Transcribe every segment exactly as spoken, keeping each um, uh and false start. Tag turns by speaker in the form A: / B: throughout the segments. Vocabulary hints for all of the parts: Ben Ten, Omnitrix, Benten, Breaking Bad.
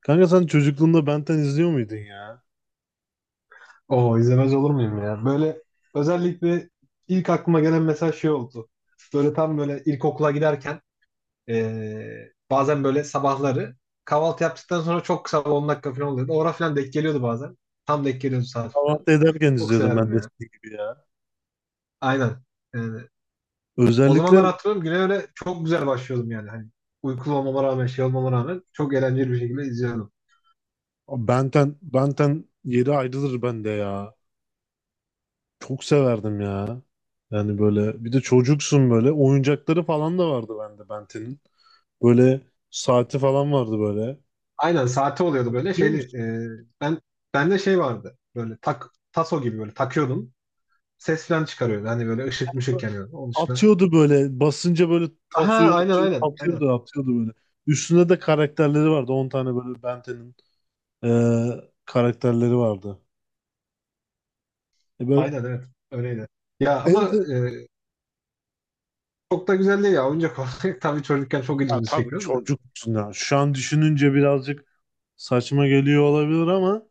A: Kanka sen çocukluğunda Benten izliyor muydun ya?
B: Oo, izlemez olur muyum ya? Böyle özellikle ilk aklıma gelen mesela şey oldu. Böyle tam böyle ilkokula giderken eee, bazen böyle sabahları kahvaltı yaptıktan sonra çok kısa on dakika falan oluyordu. Orada falan denk geliyordu bazen. Tam denk geliyordu saat falan.
A: Kahvaltı ederken
B: Çok
A: izliyordum ben
B: severdim
A: de
B: yani.
A: senin gibi ya.
B: Aynen. Yani o
A: Özellikle
B: zamanlar hatırlıyorum güne öyle çok güzel başlıyordum yani. Hani uykulu olmama rağmen şey olmama rağmen çok eğlenceli bir şekilde izliyordum.
A: Benten, Benten yeri ayrılır bende ya. Çok severdim ya. Yani böyle bir de çocuksun böyle. Oyuncakları falan da vardı bende Benten'in. Böyle saati falan vardı böyle.
B: Aynen saati oluyordu böyle
A: Hatırlıyor
B: şeyli.
A: musun?
B: eee ben, bende şey vardı. Böyle tak taso gibi böyle takıyordum. Ses falan çıkarıyor, hani böyle ışık mışık yanıyor. Onun dışında.
A: Atıyordu böyle basınca böyle
B: Aha,
A: tavsuyu
B: aynen,
A: atıyordu,
B: aynen. Aynen.
A: atıyordu atıyordu böyle. Üstünde de karakterleri vardı. On tane böyle Benten'in eee, karakterleri vardı. E böyle.
B: Aynen, evet. Öyleydi. Ya
A: En
B: ama
A: se-
B: e, çok da güzel değil ya. Oyuncak olarak tabii çocukken çok
A: Ya
B: ilgimizi
A: tabii
B: çekiyor da.
A: çocuksun ya. Şu an düşününce birazcık saçma geliyor olabilir ama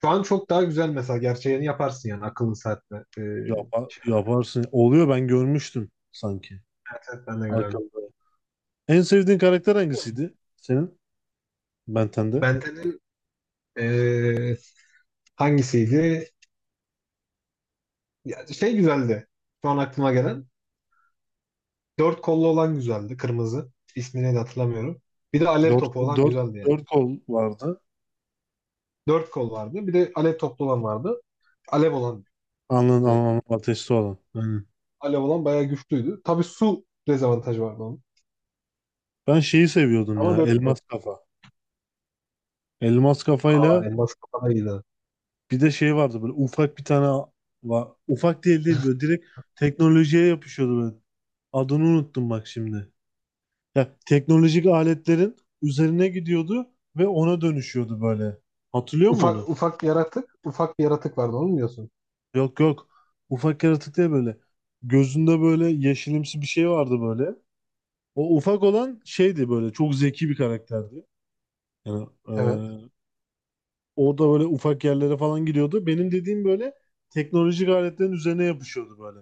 B: Şu an çok daha güzel mesela. Gerçeğini yaparsın yani akıllı saatle. E,
A: yapa-
B: şey,
A: yaparsın. Oluyor, ben görmüştüm sanki
B: ben de gördüm.
A: arkamda. En sevdiğin karakter hangisiydi senin? Benten'de.
B: Benden'in e, hangisiydi? Ya, şey güzeldi. Şu an aklıma gelen. Dört kollu olan güzeldi. Kırmızı. İsmini de hatırlamıyorum. Bir de alev
A: Dört,
B: topu olan
A: dört,
B: güzeldi yani.
A: dört kol vardı.
B: Dört kol vardı. Bir de alev toplu olan vardı. Alev olan
A: Anladım,
B: direkt.
A: anladım. Ateşli olan. Aynen.
B: Alev olan bayağı güçlüydü. Tabii su dezavantajı vardı onun.
A: Ben şeyi seviyordum
B: Ama
A: ya.
B: dört kaldı.
A: Elmas kafa. Elmas
B: Aa,
A: kafayla
B: elmas kafada iyiydi.
A: bir de şey vardı böyle, ufak bir tane. Va- ufak değil değil böyle, direkt teknolojiye yapışıyordu böyle. Adını unuttum bak şimdi. Ya, teknolojik aletlerin üzerine gidiyordu ve ona dönüşüyordu böyle. Hatırlıyor musun onu?
B: Ufak, ufak yaratık. Ufak bir yaratık vardı, onu mu diyorsun?
A: Yok, yok. Ufak yaratık değil böyle. Gözünde böyle yeşilimsi bir şey vardı böyle. O ufak olan şeydi böyle. Çok zeki bir karakterdi. Yani e,
B: Evet.
A: o da böyle ufak yerlere falan gidiyordu. Benim dediğim böyle teknolojik aletlerin üzerine yapışıyordu böyle.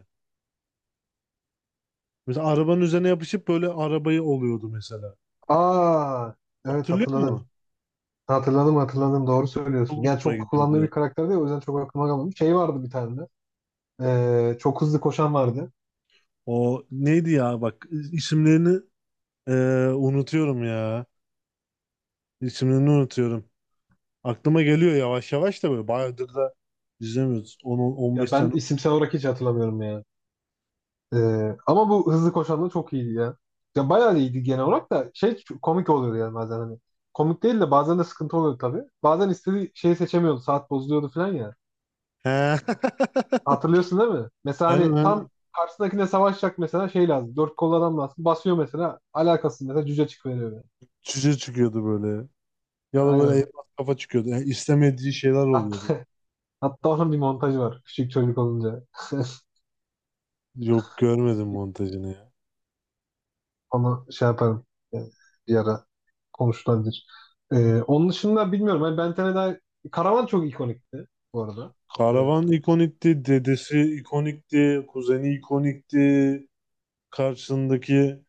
A: Mesela arabanın üzerine yapışıp böyle arabayı oluyordu mesela.
B: Aa, evet,
A: Hatırlıyor musun?
B: hatırladım. Hatırladım, hatırladım, doğru söylüyorsun.
A: Çok
B: Yani
A: hoşuma
B: çok
A: gidiyordu
B: kullandığı
A: ya.
B: bir karakter değil, o yüzden çok aklıma kalmadı. Şey vardı bir tane de. Ee, çok hızlı koşan vardı.
A: O neydi ya bak, isimlerini Ee, unutuyorum ya. İsimlerini unutuyorum. Aklıma geliyor yavaş yavaş da böyle. Bayağıdır da izlemiyoruz.
B: Ya
A: on on beş
B: ben
A: tane.
B: isimsel olarak hiç hatırlamıyorum ya. Ee, ama bu hızlı koşan da çok iyiydi ya. Ya bayağı iyiydi, genel olarak da şey çok komik oluyordu yani bazen hani. Komik değil de bazen de sıkıntı oluyordu tabii. Bazen istediği şeyi seçemiyordu. Saat bozuluyordu falan ya.
A: He.
B: Hatırlıyorsun değil mi? Mesela
A: Aynen,
B: hani tam
A: aynen.
B: karşısındakine savaşacak, mesela şey lazım. Dört kollu adam lazım. Basıyor mesela. Alakasız mesela cüce çıkıveriyor böyle.
A: Cüce çıkıyordu böyle. Ya da böyle
B: Aynen.
A: elmas kafa çıkıyordu. Yani istemediği şeyler
B: Hatta,
A: oluyordu.
B: hatta onun bir montajı var. Küçük çocuk olunca.
A: Yok, görmedim montajını ya.
B: Onu şey yaparım. Yani bir ara konuşulabilir. Ee, onun dışında bilmiyorum. Hani Bentene'den Karavan çok ikonikti bu arada. Hani
A: Karavan ikonikti. Dedesi ikonikti. Kuzeni ikonikti. Karşısındaki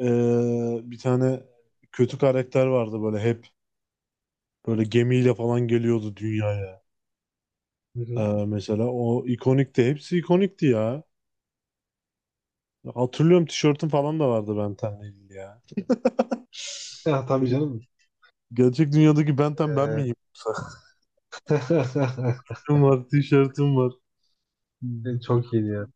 A: ee, bir tane kötü karakter vardı böyle hep. Böyle gemiyle falan geliyordu dünyaya.
B: hı
A: Ee,
B: hı.
A: Mesela o ikonikti. Hepsi ikonikti ya. Hatırlıyorum, tişörtüm falan da vardı Ben Ten'le ilgili ya.
B: Ya, tabii canım.
A: Gerçek dünyadaki Ben Ten ben
B: Ee,
A: miyim? Sakalım var, tişörtüm var.
B: çok iyiydi ya.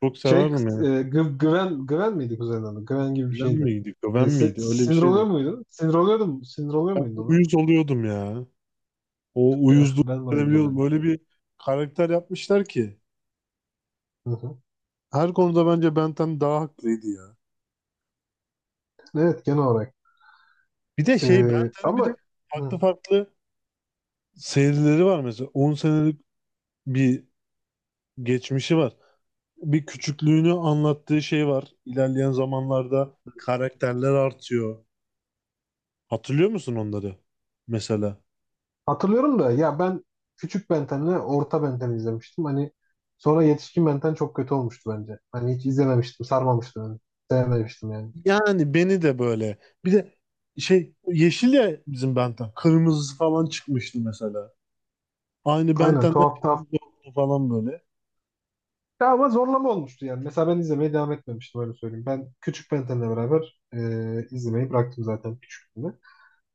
A: Çok
B: Şey, e,
A: severdim yani.
B: Gü- Güven, Güven miydi kuzenin adı? Güven gibi bir
A: Bilen
B: şeydi.
A: miydik, ben
B: E, si-
A: miydi? Öyle bir
B: sinir oluyor
A: şeydi.
B: muydun? Sinir oluyordum. Sinir oluyor muydun ona?
A: Uyuz oluyordum ya. O uyuzluğu
B: Ben de oyuncu
A: hissedebiliyordum.
B: oluyordum.
A: Öyle bir karakter yapmışlar ki.
B: Hı hı.
A: Her konuda bence Ben Ten daha haklıydı ya.
B: Evet, genel olarak.
A: Bir de
B: E,
A: şey, Ben Ten'in bir de
B: ama hı,
A: farklı farklı serileri var mesela. On senelik bir geçmişi var. Bir küçüklüğünü anlattığı şey var. İlerleyen zamanlarda karakterler artıyor. Hatırlıyor musun onları? Mesela.
B: hatırlıyorum da ya, ben küçük Benten'le orta Benten izlemiştim. Hani sonra yetişkin Benten çok kötü olmuştu bence. Hani hiç izlememiştim, sarmamıştım yani. Sevmemiştim yani.
A: Yani beni de böyle. Bir de şey, yeşil ya bizim Benten. Kırmızısı falan çıkmıştı mesela. Aynı
B: Aynen,
A: Benten'de
B: tuhaf tuhaf.
A: kırmızı oldu falan böyle.
B: Ya ama zorlama olmuştu yani. Mesela ben izlemeye devam etmemiştim, öyle söyleyeyim. Ben küçük Benten'le beraber e, izlemeyi bıraktım zaten küçüklüğümde.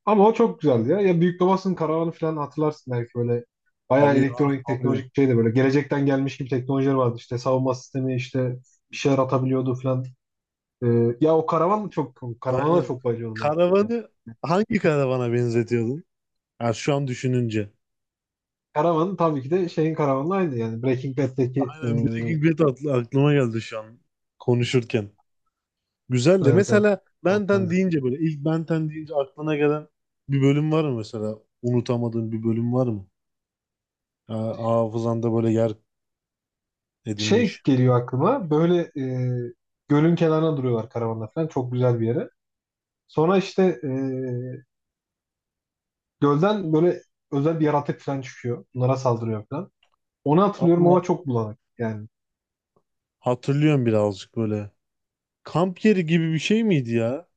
B: Ama o çok güzeldi ya. Ya Büyük Babasının Karavanı falan hatırlarsın belki, böyle bayağı
A: Tabii ya,
B: elektronik
A: tabii.
B: teknolojik şeydi, böyle gelecekten gelmiş gibi teknolojiler vardı, işte savunma sistemi, işte bir şeyler atabiliyordu falan. Ee, ya o karavan çok, karavana da
A: Aynen.
B: çok bayılıyordum ben küçükken.
A: Karavanı hangi karavana benzetiyordun? Yani şu an düşününce.
B: Karavan tabii ki de şeyin karavanla aynı, yani Breaking Bad'deki, e,
A: Aynen, Breaking Bad aklı- aklıma geldi şu an konuşurken. Güzel, de
B: evet, evet.
A: mesela
B: O
A: Benten
B: benzer.
A: deyince, böyle ilk Benten deyince aklına gelen bir bölüm var mı mesela? Unutamadığın bir bölüm var mı? Ya, hafızanda böyle yer
B: Şey
A: edinmiş.
B: geliyor aklıma böyle, e, gölün kenarına duruyorlar karavanla falan, çok güzel bir yere. Sonra işte e, gölden böyle özel bir yaratık falan çıkıyor. Bunlara saldırıyor falan. Onu hatırlıyorum ama
A: Ama
B: çok bulanık yani.
A: hatırlıyorum birazcık böyle. Kamp yeri gibi bir şey miydi ya?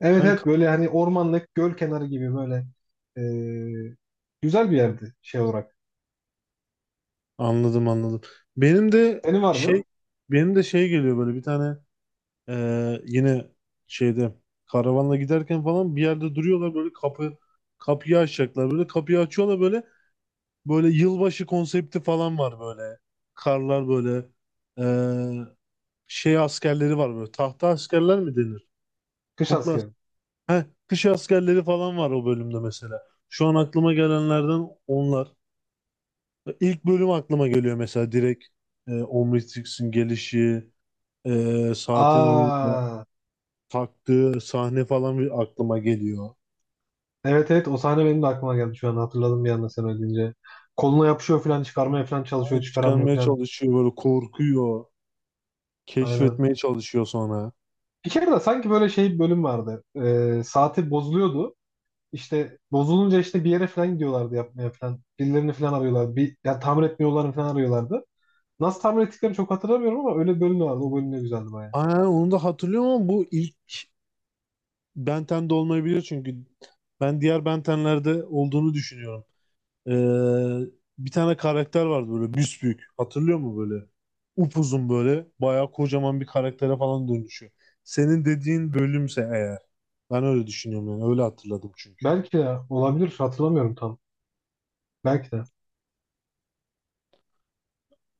B: Evet,
A: Ben
B: evet,
A: kamp-
B: böyle hani ormanlık göl kenarı gibi böyle, e, güzel bir yerdi şey olarak.
A: Anladım, anladım. Benim de
B: Senin var
A: şey
B: mı?
A: benim de şey geliyor böyle, bir tane eee, yine şeyde, karavanla giderken falan bir yerde duruyorlar böyle, kapı kapıyı açacaklar, böyle kapıyı açıyorlar böyle. Böyle yılbaşı konsepti falan var böyle. Karlar böyle eee, şey askerleri var böyle. Tahta askerler mi denir?
B: Kış
A: Kukla as-
B: askeri.
A: Heh, kış askerleri falan var o bölümde mesela. Şu an aklıma gelenlerden onlar. İlk bölüm aklıma geliyor mesela direkt. E, Omnitrix'in gelişi, eee, saatin, onun
B: Aa,
A: taktığı sahne falan bir aklıma geliyor.
B: evet, evet, o sahne benim de aklıma geldi şu an, hatırladım bir anda sen öyle deyince. Koluna yapışıyor falan, çıkarmaya falan çalışıyor,
A: Hani
B: çıkaramıyor
A: çıkarmaya
B: falan.
A: çalışıyor böyle, korkuyor.
B: Aynen.
A: Keşfetmeye çalışıyor sonra.
B: Bir kere de sanki böyle şey bir bölüm vardı. Ee, saati bozuluyordu. İşte bozulunca işte bir yere falan gidiyorlardı yapmaya falan. Birilerini falan arıyorlardı. Bir, ya tamir etmiyorlarını falan arıyorlardı. Nasıl tahmin ettiklerini çok hatırlamıyorum ama öyle bir bölüm vardı. O bölüm de güzeldi baya.
A: Aynen, onu da hatırlıyorum ama bu ilk Ben Ten de olmayabilir, çünkü ben diğer Benten'lerde olduğunu düşünüyorum. Ee, bir tane karakter vardı böyle, büsbük. Hatırlıyor mu böyle? Upuzun böyle, bayağı kocaman bir karaktere falan dönüşüyor. Senin dediğin bölümse eğer. Ben öyle düşünüyorum yani, öyle hatırladım çünkü.
B: Belki de olabilir. Hatırlamıyorum tam. Belki de.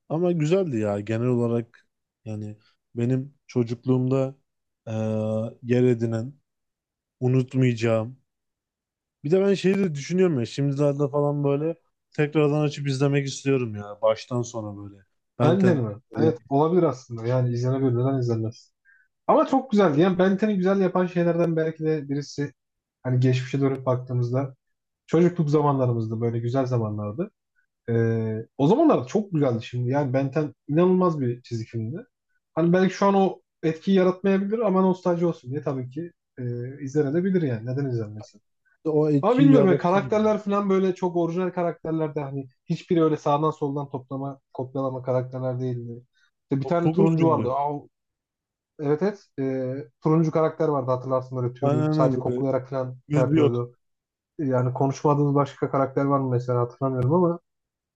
A: Ama güzeldi ya genel olarak, yani benim çocukluğumda eee, yer edinen, unutmayacağım. Bir de ben şeyi de düşünüyorum ya, şimdilerde falan böyle tekrardan açıp izlemek istiyorum ya, baştan sona böyle.
B: Ben Ten'i
A: Benten
B: mi?
A: yani
B: Evet, olabilir aslında. Yani izlenebilir. Neden izlenmez? Ama çok güzeldi. Yani Ben Ten'i güzel yapan şeylerden belki de birisi, hani geçmişe dönüp baktığımızda çocukluk zamanlarımızda böyle güzel zamanlardı. Ee, o zamanlar çok güzeldi, şimdi. Yani Ben Ten inanılmaz bir çizgi filmdi. Hani belki şu an o etkiyi yaratmayabilir ama nostalji olsun diye tabii ki e, izlenebilir yani. Neden izlenmesin?
A: o
B: Ama
A: etkiyi
B: bilmiyorum ya,
A: yaratır gibi ya.
B: karakterler falan böyle çok orijinal karakterler de, hani hiçbiri öyle sağdan soldan toplama, kopyalama karakterler değildi. İşte bir
A: Çok,
B: tane
A: çok
B: turuncu
A: üzgündü.
B: vardı. Aa, evet, evet. Ee, turuncu karakter vardı, hatırlarsın böyle
A: Aynen,
B: tüylü,
A: aynen
B: sadece
A: böyle,
B: koklayarak falan şey
A: yüzü yok.
B: yapıyordu. Yani konuşmadığımız başka karakter var mı mesela, hatırlamıyorum ama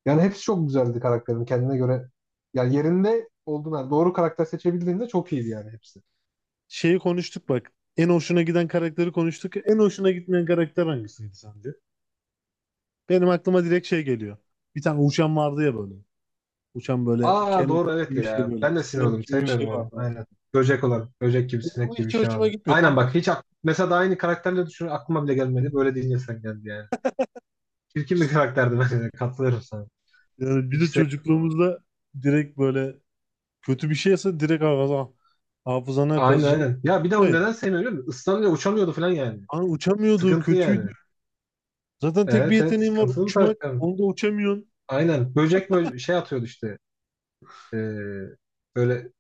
B: yani hepsi çok güzeldi, karakterin kendine göre. Yani yerinde olduğun doğru karakter seçebildiğinde çok iyiydi yani hepsi.
A: Şeyi konuştuk bak. En hoşuna giden karakteri konuştuk. En hoşuna gitmeyen karakter hangisiydi sence? Benim aklıma direkt şey geliyor. Bir tane uçan vardı ya böyle. Uçan böyle
B: Aa,
A: kelebek
B: doğru, evet
A: gibi bir şey
B: ya.
A: böyle.
B: Ben de sinir
A: Sinek
B: oldum.
A: gibi bir
B: Sevmiyordum
A: şey
B: onu.
A: vardı.
B: Aynen. Böcek olan. Böcek gibi, sinek
A: Bu
B: gibi bir
A: hiç
B: şey
A: hoşuma
B: vardı.
A: gitmiyor. Tam
B: Aynen bak,
A: uç-
B: hiç ak- mesela da aynı karakterle düşün, aklıma bile gelmedi. Böyle deyince sen, geldi yani. Çirkin bir karakterdi bence de. Katılıyorum sana.
A: yani, bir
B: Hiç
A: de
B: sevmiyorum onu.
A: çocukluğumuzda direkt böyle, kötü bir şeyse direkt hafıza, hafızana
B: Aynen,
A: kazıcın.
B: aynen. Ya bir de
A: Ya,
B: onu
A: ya.
B: neden sevmiyorum biliyor musun? Islanıyor, uçamıyordu falan yani.
A: Hani uçamıyordu,
B: Sıkıntı yani.
A: kötüydü. Zaten tek bir
B: Evet, evet,
A: yeteneğin var,
B: sıkıntılı bir
A: uçmak.
B: karakter.
A: Onu da uçamıyorsun.
B: Aynen. Böcek böyle şey atıyordu işte. Ee, böyle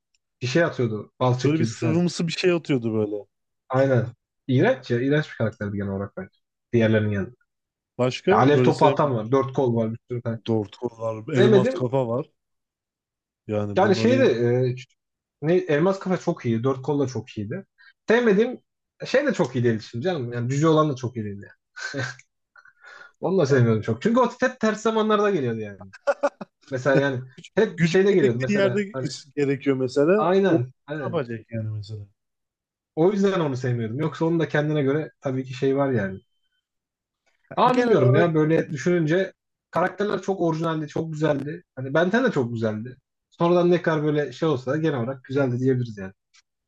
B: bir şey atıyordu. Balçık
A: Böyle bir
B: gibi falan.
A: sıvımsı bir şey atıyordu böyle.
B: Aynen. İğrenç ya. İğrenç bir karakterdi genel olarak bence. Diğerlerinin yanında. Ya
A: Başka
B: alev
A: böyle
B: topu atan
A: sevmediğim
B: var. Dört kol var, bir sürü tane.
A: Dorto var, elmas
B: Sevmedim.
A: kafa var. Yani
B: Yani şey de
A: bunların
B: e, ne, Elmas Kafa çok iyi. Dört kol da çok iyiydi. Sevmedim. Şey de çok iyi değildi şimdi canım. Yani cüce olan da çok iyi değildi yani. Onu da
A: ya,
B: sevmiyordum çok. Çünkü o hep ters zamanlarda geliyordu yani. Mesela
A: ya,
B: yani
A: güç,
B: hep
A: gücün
B: şeyde geliyordu
A: gerektiği yerde
B: mesela hani,
A: is- gerekiyor mesela. O ne
B: aynen, aynen.
A: yapacak yani mesela?
B: O yüzden onu sevmiyordum. Yoksa onun da kendine göre tabii ki şey var yani. Ama
A: Genel
B: bilmiyorum
A: olarak,
B: ya, böyle düşününce karakterler çok orijinaldi, çok güzeldi. Hani Benten de çok güzeldi. Sonradan ne kadar böyle şey olsa da genel olarak güzeldi diyebiliriz yani.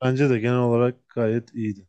A: bence de genel olarak gayet iyiydi.